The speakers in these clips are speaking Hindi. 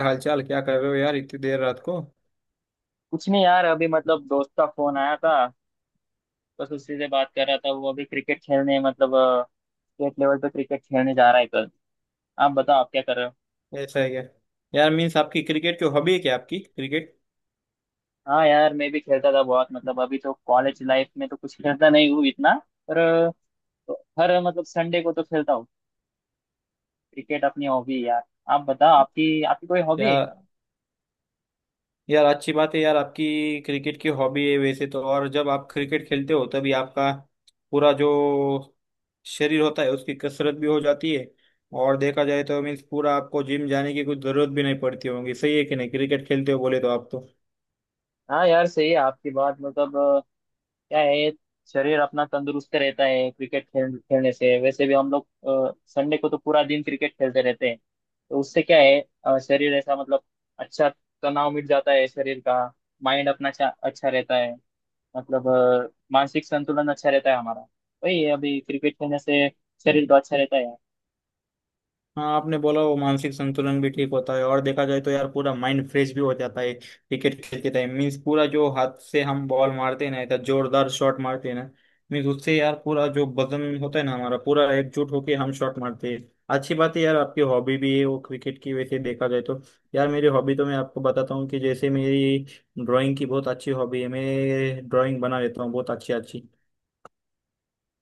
हालचाल क्या कर रहे हो यार, इतनी देर रात को। कुछ नहीं यार अभी मतलब दोस्त का फोन आया था। बस उसी से बात कर रहा था। वो अभी क्रिकेट खेलने मतलब स्टेट लेवल पे क्रिकेट खेलने जा रहा है कल। आप बताओ आप क्या कर रहे हो। ऐसा है क्या। यार मीन्स आपकी क्रिकेट की हॉबी है क्या, आपकी क्रिकेट? हाँ यार मैं भी खेलता था बहुत मतलब अभी तो कॉलेज लाइफ में तो कुछ खेलता नहीं हूँ इतना। पर तो हर मतलब संडे को तो खेलता हूँ। क्रिकेट अपनी हॉबी है यार। आप बताओ आपकी आपकी कोई या हॉबी है। यार अच्छी बात है यार, आपकी क्रिकेट की हॉबी है वैसे तो। और जब आप क्रिकेट खेलते हो तभी आपका पूरा जो शरीर होता है उसकी कसरत भी हो जाती है। और देखा जाए तो मीन्स पूरा आपको जिम जाने की कुछ जरूरत भी नहीं पड़ती होगी। सही है कि नहीं? क्रिकेट खेलते हो बोले तो आप तो। हाँ यार सही है आपकी बात मतलब क्या है। शरीर अपना तंदुरुस्त रहता है क्रिकेट खेलने से। वैसे भी हम लोग संडे को तो पूरा दिन क्रिकेट खेलते रहते हैं। तो उससे क्या है शरीर ऐसा मतलब अच्छा तनाव मिट जाता है शरीर का। माइंड अपना अच्छा अच्छा रहता है मतलब मानसिक संतुलन अच्छा रहता है हमारा। वही है अभी क्रिकेट खेलने से शरीर तो अच्छा रहता है। हाँ, आपने बोला वो मानसिक संतुलन भी ठीक होता है। और देखा जाए तो यार पूरा माइंड फ्रेश भी हो जाता है क्रिकेट खेलते टाइम। मीन्स पूरा जो हाथ से हम बॉल मारते हैं ना, इतना जोरदार शॉट मारते हैं ना। मीन्स उससे यार पूरा जो वजन होता है ना हमारा, पूरा एकजुट होके हम शॉट मारते हैं। अच्छी बात है यार, आपकी हॉबी भी है वो क्रिकेट की वैसे देखा जाए तो। यार मेरी हॉबी तो मैं आपको बताता हूँ कि जैसे मेरी ड्राइंग की बहुत अच्छी हॉबी है। मैं ड्राइंग बना लेता हूँ बहुत अच्छी अच्छी।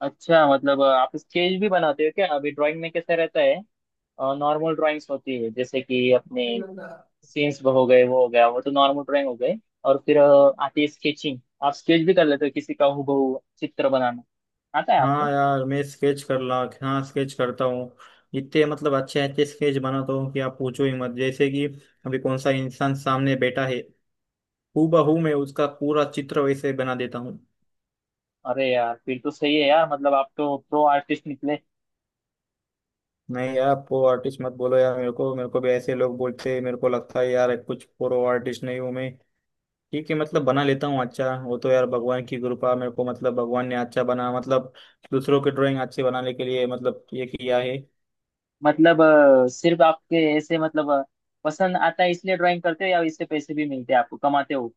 अच्छा मतलब आप स्केच भी बनाते हो क्या? अभी ड्राइंग में कैसा रहता है? नॉर्मल ड्राइंग्स होती है जैसे कि अपने सीन्स हो गए वो हो गया वो तो नॉर्मल ड्राइंग हो गए। और फिर आती है स्केचिंग। आप स्केच भी कर लेते हो? किसी का हूबहू चित्र बनाना आता है आपको? हाँ यार मैं स्केच कर ला, हाँ स्केच करता हूँ। इतने मतलब अच्छे अच्छे स्केच बनाता हूँ कि आप पूछो ही मत। जैसे कि अभी कौन सा इंसान सामने बैठा है, हूबहू मैं उसका पूरा चित्र वैसे बना देता हूँ। अरे यार फिर तो सही है यार मतलब आप तो प्रो आर्टिस्ट निकले। नहीं यार वो आर्टिस्ट मत बोलो यार। मेरे को भी ऐसे लोग बोलते हैं। मेरे को लगता है यार कुछ प्रो आर्टिस्ट नहीं हूँ मैं। ठीक है मतलब बना लेता हूँ अच्छा। वो तो यार भगवान की कृपा। मेरे को मतलब भगवान ने अच्छा बना मतलब दूसरों के ड्राइंग अच्छे बनाने के लिए मतलब ये किया है। मतलब सिर्फ आपके ऐसे मतलब पसंद आता है इसलिए ड्राइंग करते हो या इससे पैसे भी मिलते हैं आपको? कमाते हो?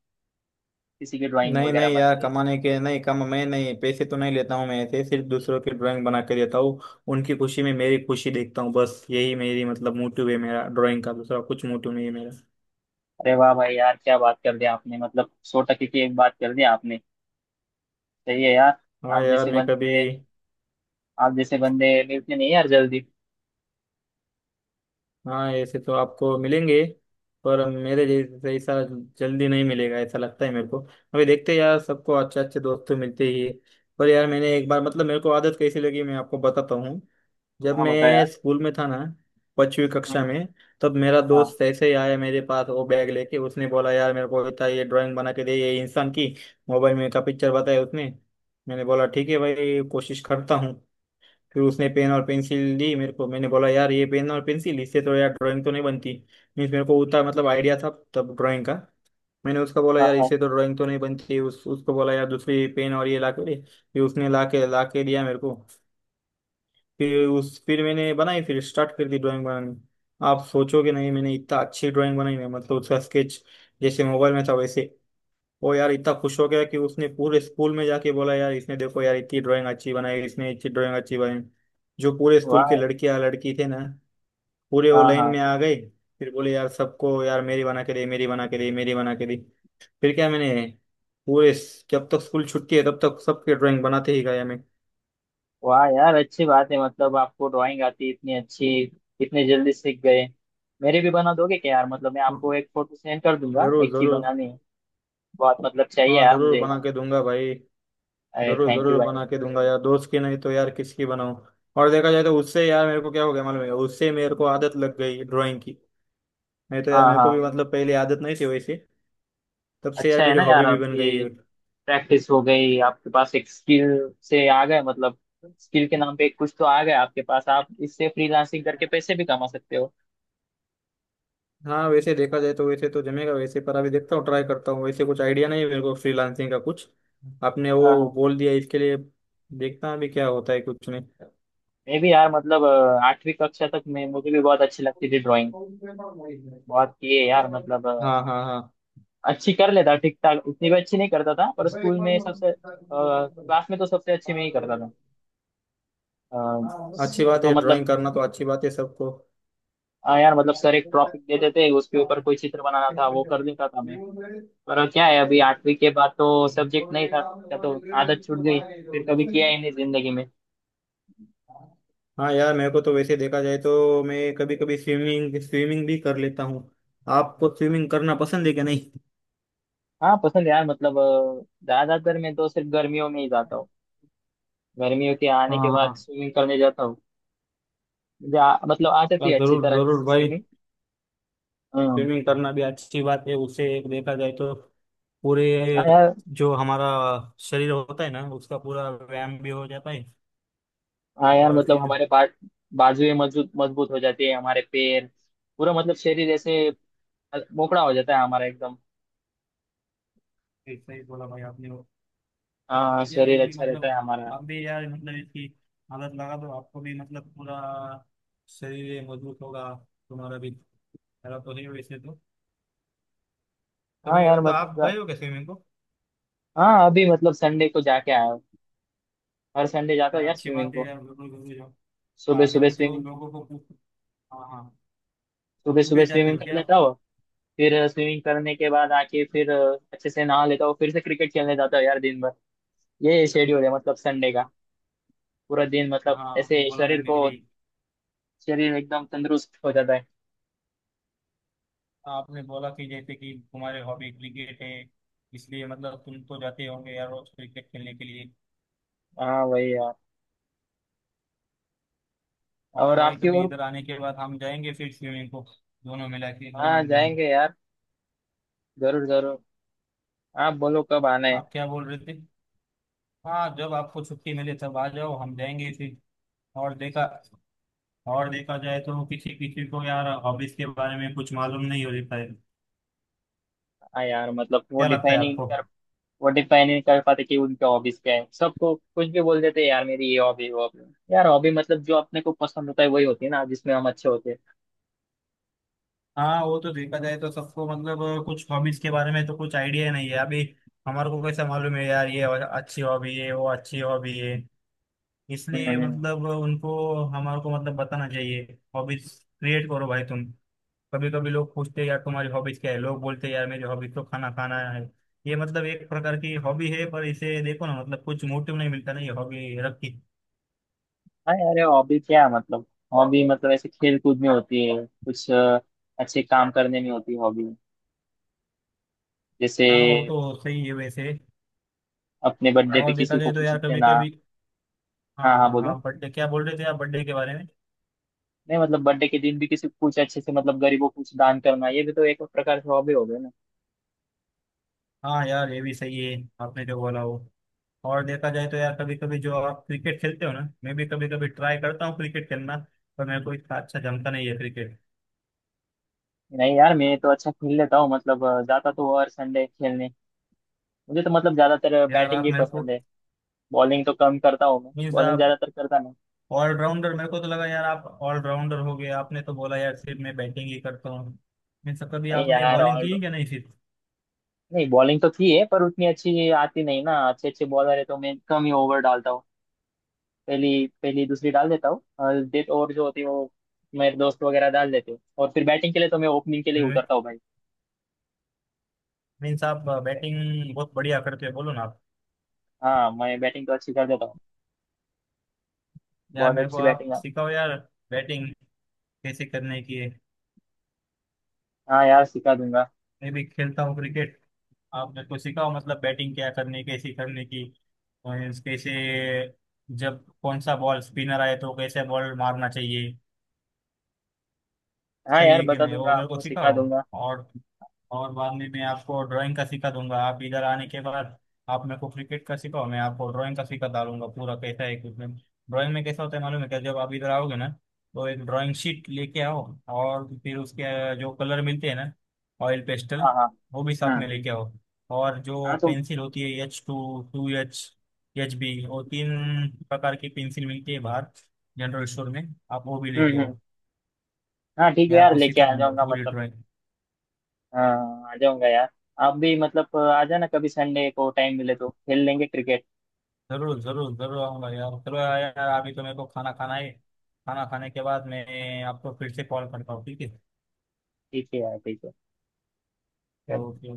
किसी की ड्राइंग नहीं वगैरह नहीं यार, बनाते हैं? कमाने के नहीं। कम मैं नहीं, पैसे तो नहीं लेता हूँ मैं। ऐसे सिर्फ दूसरों की ड्राइंग बना के देता हूँ। उनकी खुशी में मेरी खुशी देखता हूँ। बस यही मेरी मतलब मोटिव है मेरा। ड्राइंग का दूसरा कुछ मोटिव नहीं है मेरा। अरे वाह भाई यार क्या बात कर दी आपने मतलब सौ टके की एक बात कर दी आपने। सही है यार। हाँ आप यार जैसे मैं कभी। बंदे, आप जैसे बंदे मिलते नहीं यार जल्दी। हाँ ऐसे तो आपको मिलेंगे, पर मेरे जैसा जल्दी नहीं मिलेगा ऐसा लगता है मेरे को। अभी देखते हैं यार, सबको अच्छे अच्छे दोस्त तो मिलते ही है। पर यार मैंने एक बार मतलब मेरे को आदत कैसी लगी मैं आपको बताता हूँ। जब हाँ बताया। मैं स्कूल में था ना, पांचवी हाँ कक्षा में, तब मेरा हाँ। दोस्त ऐसे ही आया मेरे पास वो बैग लेके। उसने बोला यार मेरे को बेटा ये ड्राइंग बना के दे, ये इंसान की मोबाइल में का पिक्चर बताया उसने। मैंने बोला ठीक है भाई कोशिश करता हूँ। फिर उसने पेन और पेंसिल दी मेरे को। मैंने बोला यार ये पेन और पेंसिल, इससे तो यार ड्राइंग तो नहीं बनती। मीन्स मेरे को उतना मतलब आइडिया था तब ड्राइंग का। मैंने उसका बोला हाँ यार हाँ। इससे तो ड्राइंग तो नहीं बनती। उस उसको बोला यार दूसरी पेन और ये ला के दे। फिर उसने ला के दिया मेरे को। फिर मैंने बनाई। फिर स्टार्ट कर दी ड्राइंग बनानी। आप सोचोगे नहीं, मैंने इतना अच्छी ड्राइंग बनाई है मतलब उसका स्केच, जैसे मोबाइल में था वैसे। वो यार इतना खुश हो गया कि उसने पूरे स्कूल में जाके बोला यार, इसने देखो यार इतनी ड्राइंग अच्छी बनाई, इसने इतनी ड्राइंग अच्छी बनाई। जो पूरे स्कूल के वाह। लड़कियां लड़की थे ना, पूरे वो हाँ लाइन हाँ। में आ गए। फिर बोले यार सबको, यार मेरी बना के दे, मेरी बना के दे, मेरी बना के दे। फिर क्या मैंने पूरे, जब तक स्कूल छुट्टी है तब तक सबके ड्राइंग बनाते ही गया मैं। वाह यार अच्छी बात है मतलब आपको ड्राइंग आती है इतनी अच्छी। इतने जल्दी सीख गए। मेरे भी बना दोगे क्या यार? मतलब मैं हाँ, आपको एक फोटो सेंड कर दूंगा, जरूर एक ही जरूर। बनानी है। बहुत मतलब चाहिए हाँ यार जरूर मुझे। बना के दूंगा भाई। अरे जरूर थैंक यू जरूर भाई। बना के दूंगा यार, दोस्त की नहीं तो यार किसकी बनाऊं। और देखा जाए तो उससे यार मेरे को क्या हो गया मालूम है? उससे मेरे को आदत लग गई ड्राइंग की। नहीं तो यार हाँ मेरे को भी हाँ। मतलब पहले आदत नहीं थी वैसे। तब से यार अच्छा है मेरी ना यार, हॉबी भी बन गई आपकी है। प्रैक्टिस हो गई, आपके पास एक स्किल से आ गए मतलब। स्किल के नाम पे कुछ तो आ गया आपके पास। आप इससे फ्रीलांसिंग करके पैसे भी कमा सकते हो। हाँ वैसे देखा जाए तो वैसे तो जमेगा वैसे, पर अभी देखता हूँ, ट्राई करता हूँ वैसे। कुछ आइडिया नहीं है मेरे को फ्रीलांसिंग का कुछ। आपने हाँ वो हाँ। बोल दिया इसके लिए। देखता हूँ अभी क्या होता है कुछ नहीं। मैं भी यार मतलब आठवीं कक्षा तक मैं, मुझे भी बहुत अच्छी लगती थी ड्राइंग। बहुत किए यार मतलब हाँ हाँ अच्छी कर लेता ठीक ठाक, उतनी भी अच्छी नहीं करता था। पर स्कूल में सबसे, क्लास में तो सबसे अच्छी में ही करता था। अ, हाँ, अच्छी सर बात तो है मतलब ड्राइंग करना, तो अच्छी बात है सबको। यार मतलब सर एक टॉपिक देते थे उसके ऊपर कोई चित्र बनाना था वो कर लेता था मैं। पर क्या है अभी आठवीं के बाद तो सब्जेक्ट नहीं था क्या तो आदत छूट गई। फिर कभी किया ही नहीं जिंदगी में। हाँ यार मेरे को तो वैसे देखा जाए तो मैं कभी कभी स्विमिंग स्विमिंग भी कर लेता हूँ। आपको स्विमिंग करना पसंद है क्या नहीं? हाँ पसंद यार मतलब ज्यादातर मैं तो सिर्फ गर्मियों में ही जाता हूँ। गर्मियों के आने के हाँ बाद हाँ स्विमिंग करने जाता हूँ। मुझे मतलब आ जाती यार, है अच्छी जरूर तरह जरूर से भाई। स्विमिंग। हाँ स्विमिंग करना भी अच्छी बात है उसे, एक देखा जाए तो पूरे हाँ यार। जो हमारा शरीर होता है ना, उसका पूरा व्यायाम भी हो जाता है। हाँ यार और मतलब फिर बाजुएं मजबूत मजबूत हो जाती है, हमारे पैर पूरा मतलब शरीर ऐसे मोकड़ा हो जाता है हमारा एकदम। ऐसा ही बोला भाई आपने वो। हाँ यार शरीर ये भी अच्छा रहता मतलब, है हमारा। आप भी यार मतलब इसकी आदत लगा दो, आपको भी मतलब पूरा शरीर ये मजबूत होगा तुम्हारा भी। मेरा तो है वैसे तो। हाँ कभी यार मतलब मतलब, आप गए हो क्या स्विमिंग को? हाँ अभी मतलब संडे को जाके आया हूँ। हर संडे जाता यार हूँ यार अच्छी बात स्विमिंग है को। यार, बिल्कुल जरूर जाओ। सुबह यार अभी सुबह तो जो स्विमिंग। लोगों को पूछ। हाँ हाँ, सुबह सुबह घूमे जाते स्विमिंग हो कर क्या लेता आप? हूँ। फिर स्विमिंग करने के बाद आके फिर अच्छे से नहा लेता हूँ। फिर से क्रिकेट खेलने जाता हूँ यार दिन भर। ये शेड्यूल है मतलब संडे का। पूरा दिन हाँ मतलब हाँ, ऐसे आपने बोला ना शरीर को, मेरी। शरीर एकदम तंदुरुस्त हो जाता है। आपने बोला कि जैसे कि तुम्हारे हॉबी क्रिकेट है, इसलिए मतलब तुम तो जाते होंगे यार रोज क्रिकेट खेलने के लिए। हाँ वही यार। और और भाई आपकी कभी और। इधर आने के बाद हम जाएंगे फिर स्विमिंग को, दोनों मिला के हाँ दोनों जन। जाएंगे यार। जरूर जरूर। आप बोलो कब आना है। आप क्या बोल रहे थे? हाँ जब आपको छुट्टी मिले तब आ जाओ, हम जाएंगे फिर। और देखा और देखा जाए तो किसी किसी को यार हॉबीज के बारे में कुछ मालूम नहीं होता है। हाँ यार मतलब क्या लगता है आपको? वो डिफाइन ही नहीं कर पाते कि उनके हॉबीज क्या है। सबको कुछ भी बोल देते हैं यार, मेरी ये हॉबी वो हॉबी। यार हॉबी मतलब जो अपने को पसंद होता है वही होती है ना, जिसमें हम अच्छे होते हैं। हाँ वो तो देखा जाए तो सबको मतलब कुछ हॉबीज के बारे में तो कुछ आइडिया नहीं है अभी। हमारे को कैसे मालूम है यार ये अच्छी हॉबी है वो अच्छी हॉबी है। हम्म इसलिए हम्म। मतलब उनको, हमारे को मतलब बताना चाहिए हॉबीज। क्रिएट करो भाई तुम। कभी कभी लोग पूछते हैं यार तुम्हारी हॉबीज क्या है? लोग बोलते हैं यार मेरी हॉबीज तो खाना खाना है। ये मतलब एक प्रकार की हॉबी है, पर इसे देखो ना, मतलब कुछ मोटिव नहीं मिलता ना ये हॉबी रख के। हाँ यार ये हॉबी क्या है मतलब। हॉबी मतलब ऐसे खेल कूद में होती है, कुछ अच्छे काम करने में होती है हॉबी। जैसे हाँ वो तो सही है वैसे। अपने बर्थडे पे और देखा किसी को जाए तो कुछ यार कभी देना। कभी। हाँ हाँ हाँ बोलो। हाँ, बर्थडे क्या बोल रहे थे आप बर्थडे के बारे में? नहीं मतलब बर्थडे के दिन भी किसी को कुछ अच्छे से मतलब गरीबों को कुछ दान करना, ये भी तो एक प्रकार से हॉबी हो गई ना। हाँ यार ये भी सही है, आपने जो बोला वो। और देखा जाए तो यार कभी कभी जो आप क्रिकेट खेलते हो ना, मैं भी कभी कभी ट्राई करता हूँ क्रिकेट खेलना। पर मेरे को इतना अच्छा जमता नहीं है क्रिकेट। नहीं यार मैं तो अच्छा खेल लेता हूँ मतलब जाता तो हर संडे खेलने। मुझे तो मतलब ज्यादातर यार बैटिंग आप ही मेरे को। पसंद है। बॉलिंग तो कम करता हूँ, मैं मीन्स बॉलिंग आप ज्यादातर करता नहीं। ऑलराउंडर, मेरे को तो लगा यार आप ऑलराउंडर हो गए। आपने तो बोला यार सिर्फ मैं बैटिंग ही करता हूँ। मीन्स कभी नहीं आपने यार बॉलिंग ऑल की है क्या नहीं, सिर्फ। नहीं बॉलिंग तो थी है पर उतनी अच्छी आती नहीं ना। अच्छे अच्छे बॉलर है तो मैं कम ही ओवर डालता हूँ। पहली, पहली दूसरी डाल देता हूँ और डेथ ओवर जो होती है वो मेरे दोस्त वगैरह डाल देते हैं। और फिर बैटिंग के लिए तो मैं ओपनिंग के लिए उतरता हूँ भाई। मीन्स आप बैटिंग बहुत बढ़िया करते हो बोलो ना आप। हाँ मैं बैटिंग तो अच्छी कर देता हूँ। यार बहुत मेरे को अच्छी आप बैटिंग है। सिखाओ यार बैटिंग कैसे करने की है। हाँ यार सिखा दूंगा। मैं भी खेलता हूँ क्रिकेट, आप मेरे को सिखाओ मतलब बैटिंग क्या करनी, कैसे करने की। और कैसे, जब कौन सा बॉल स्पिनर आए तो कैसे बॉल मारना चाहिए। हाँ सही यार है कि बता नहीं, दूंगा, वो मेरे को आपको सिखा सिखाओ। दूंगा। और और बाद में मैं आपको ड्राइंग का सिखा दूंगा आप इधर आने के बाद। आप मेरे को क्रिकेट का सिखाओ, मैं आपको ड्राइंग का सिखा डालूंगा पूरा। कैसा है इक्विपमेंट, ड्राइंग में कैसा होता है मालूम है क्या? जब आप इधर आओगे ना, तो एक ड्राइंग शीट लेके आओ। और फिर उसके जो कलर मिलते हैं ना, ऑयल पेस्टल, हाँ। हाँ। वो भी साथ हाँ। में लेके आओ। और जो हाँ तो। पेंसिल होती है H2, 2H, HB, वो तीन प्रकार की पेंसिल मिलती है बाहर, जनरल स्टोर में। आप वो भी लेके आओ। हम्म। हाँ ठीक मैं है यार, आपको लेके सिखा आ दूंगा जाऊंगा पूरी मतलब। ड्राइंग। हाँ आ जाऊंगा यार। आप भी मतलब आ जाना कभी संडे को, टाइम मिले तो खेल लेंगे क्रिकेट। जरूर जरूर जरूर आऊंगा यार। चलो यार अभी तो मेरे को खाना खाना है। खाना खाने के बाद मैं आपको फिर से कॉल करता हूँ ठीक है। ठीक है यार ठीक है। चलो। ओके।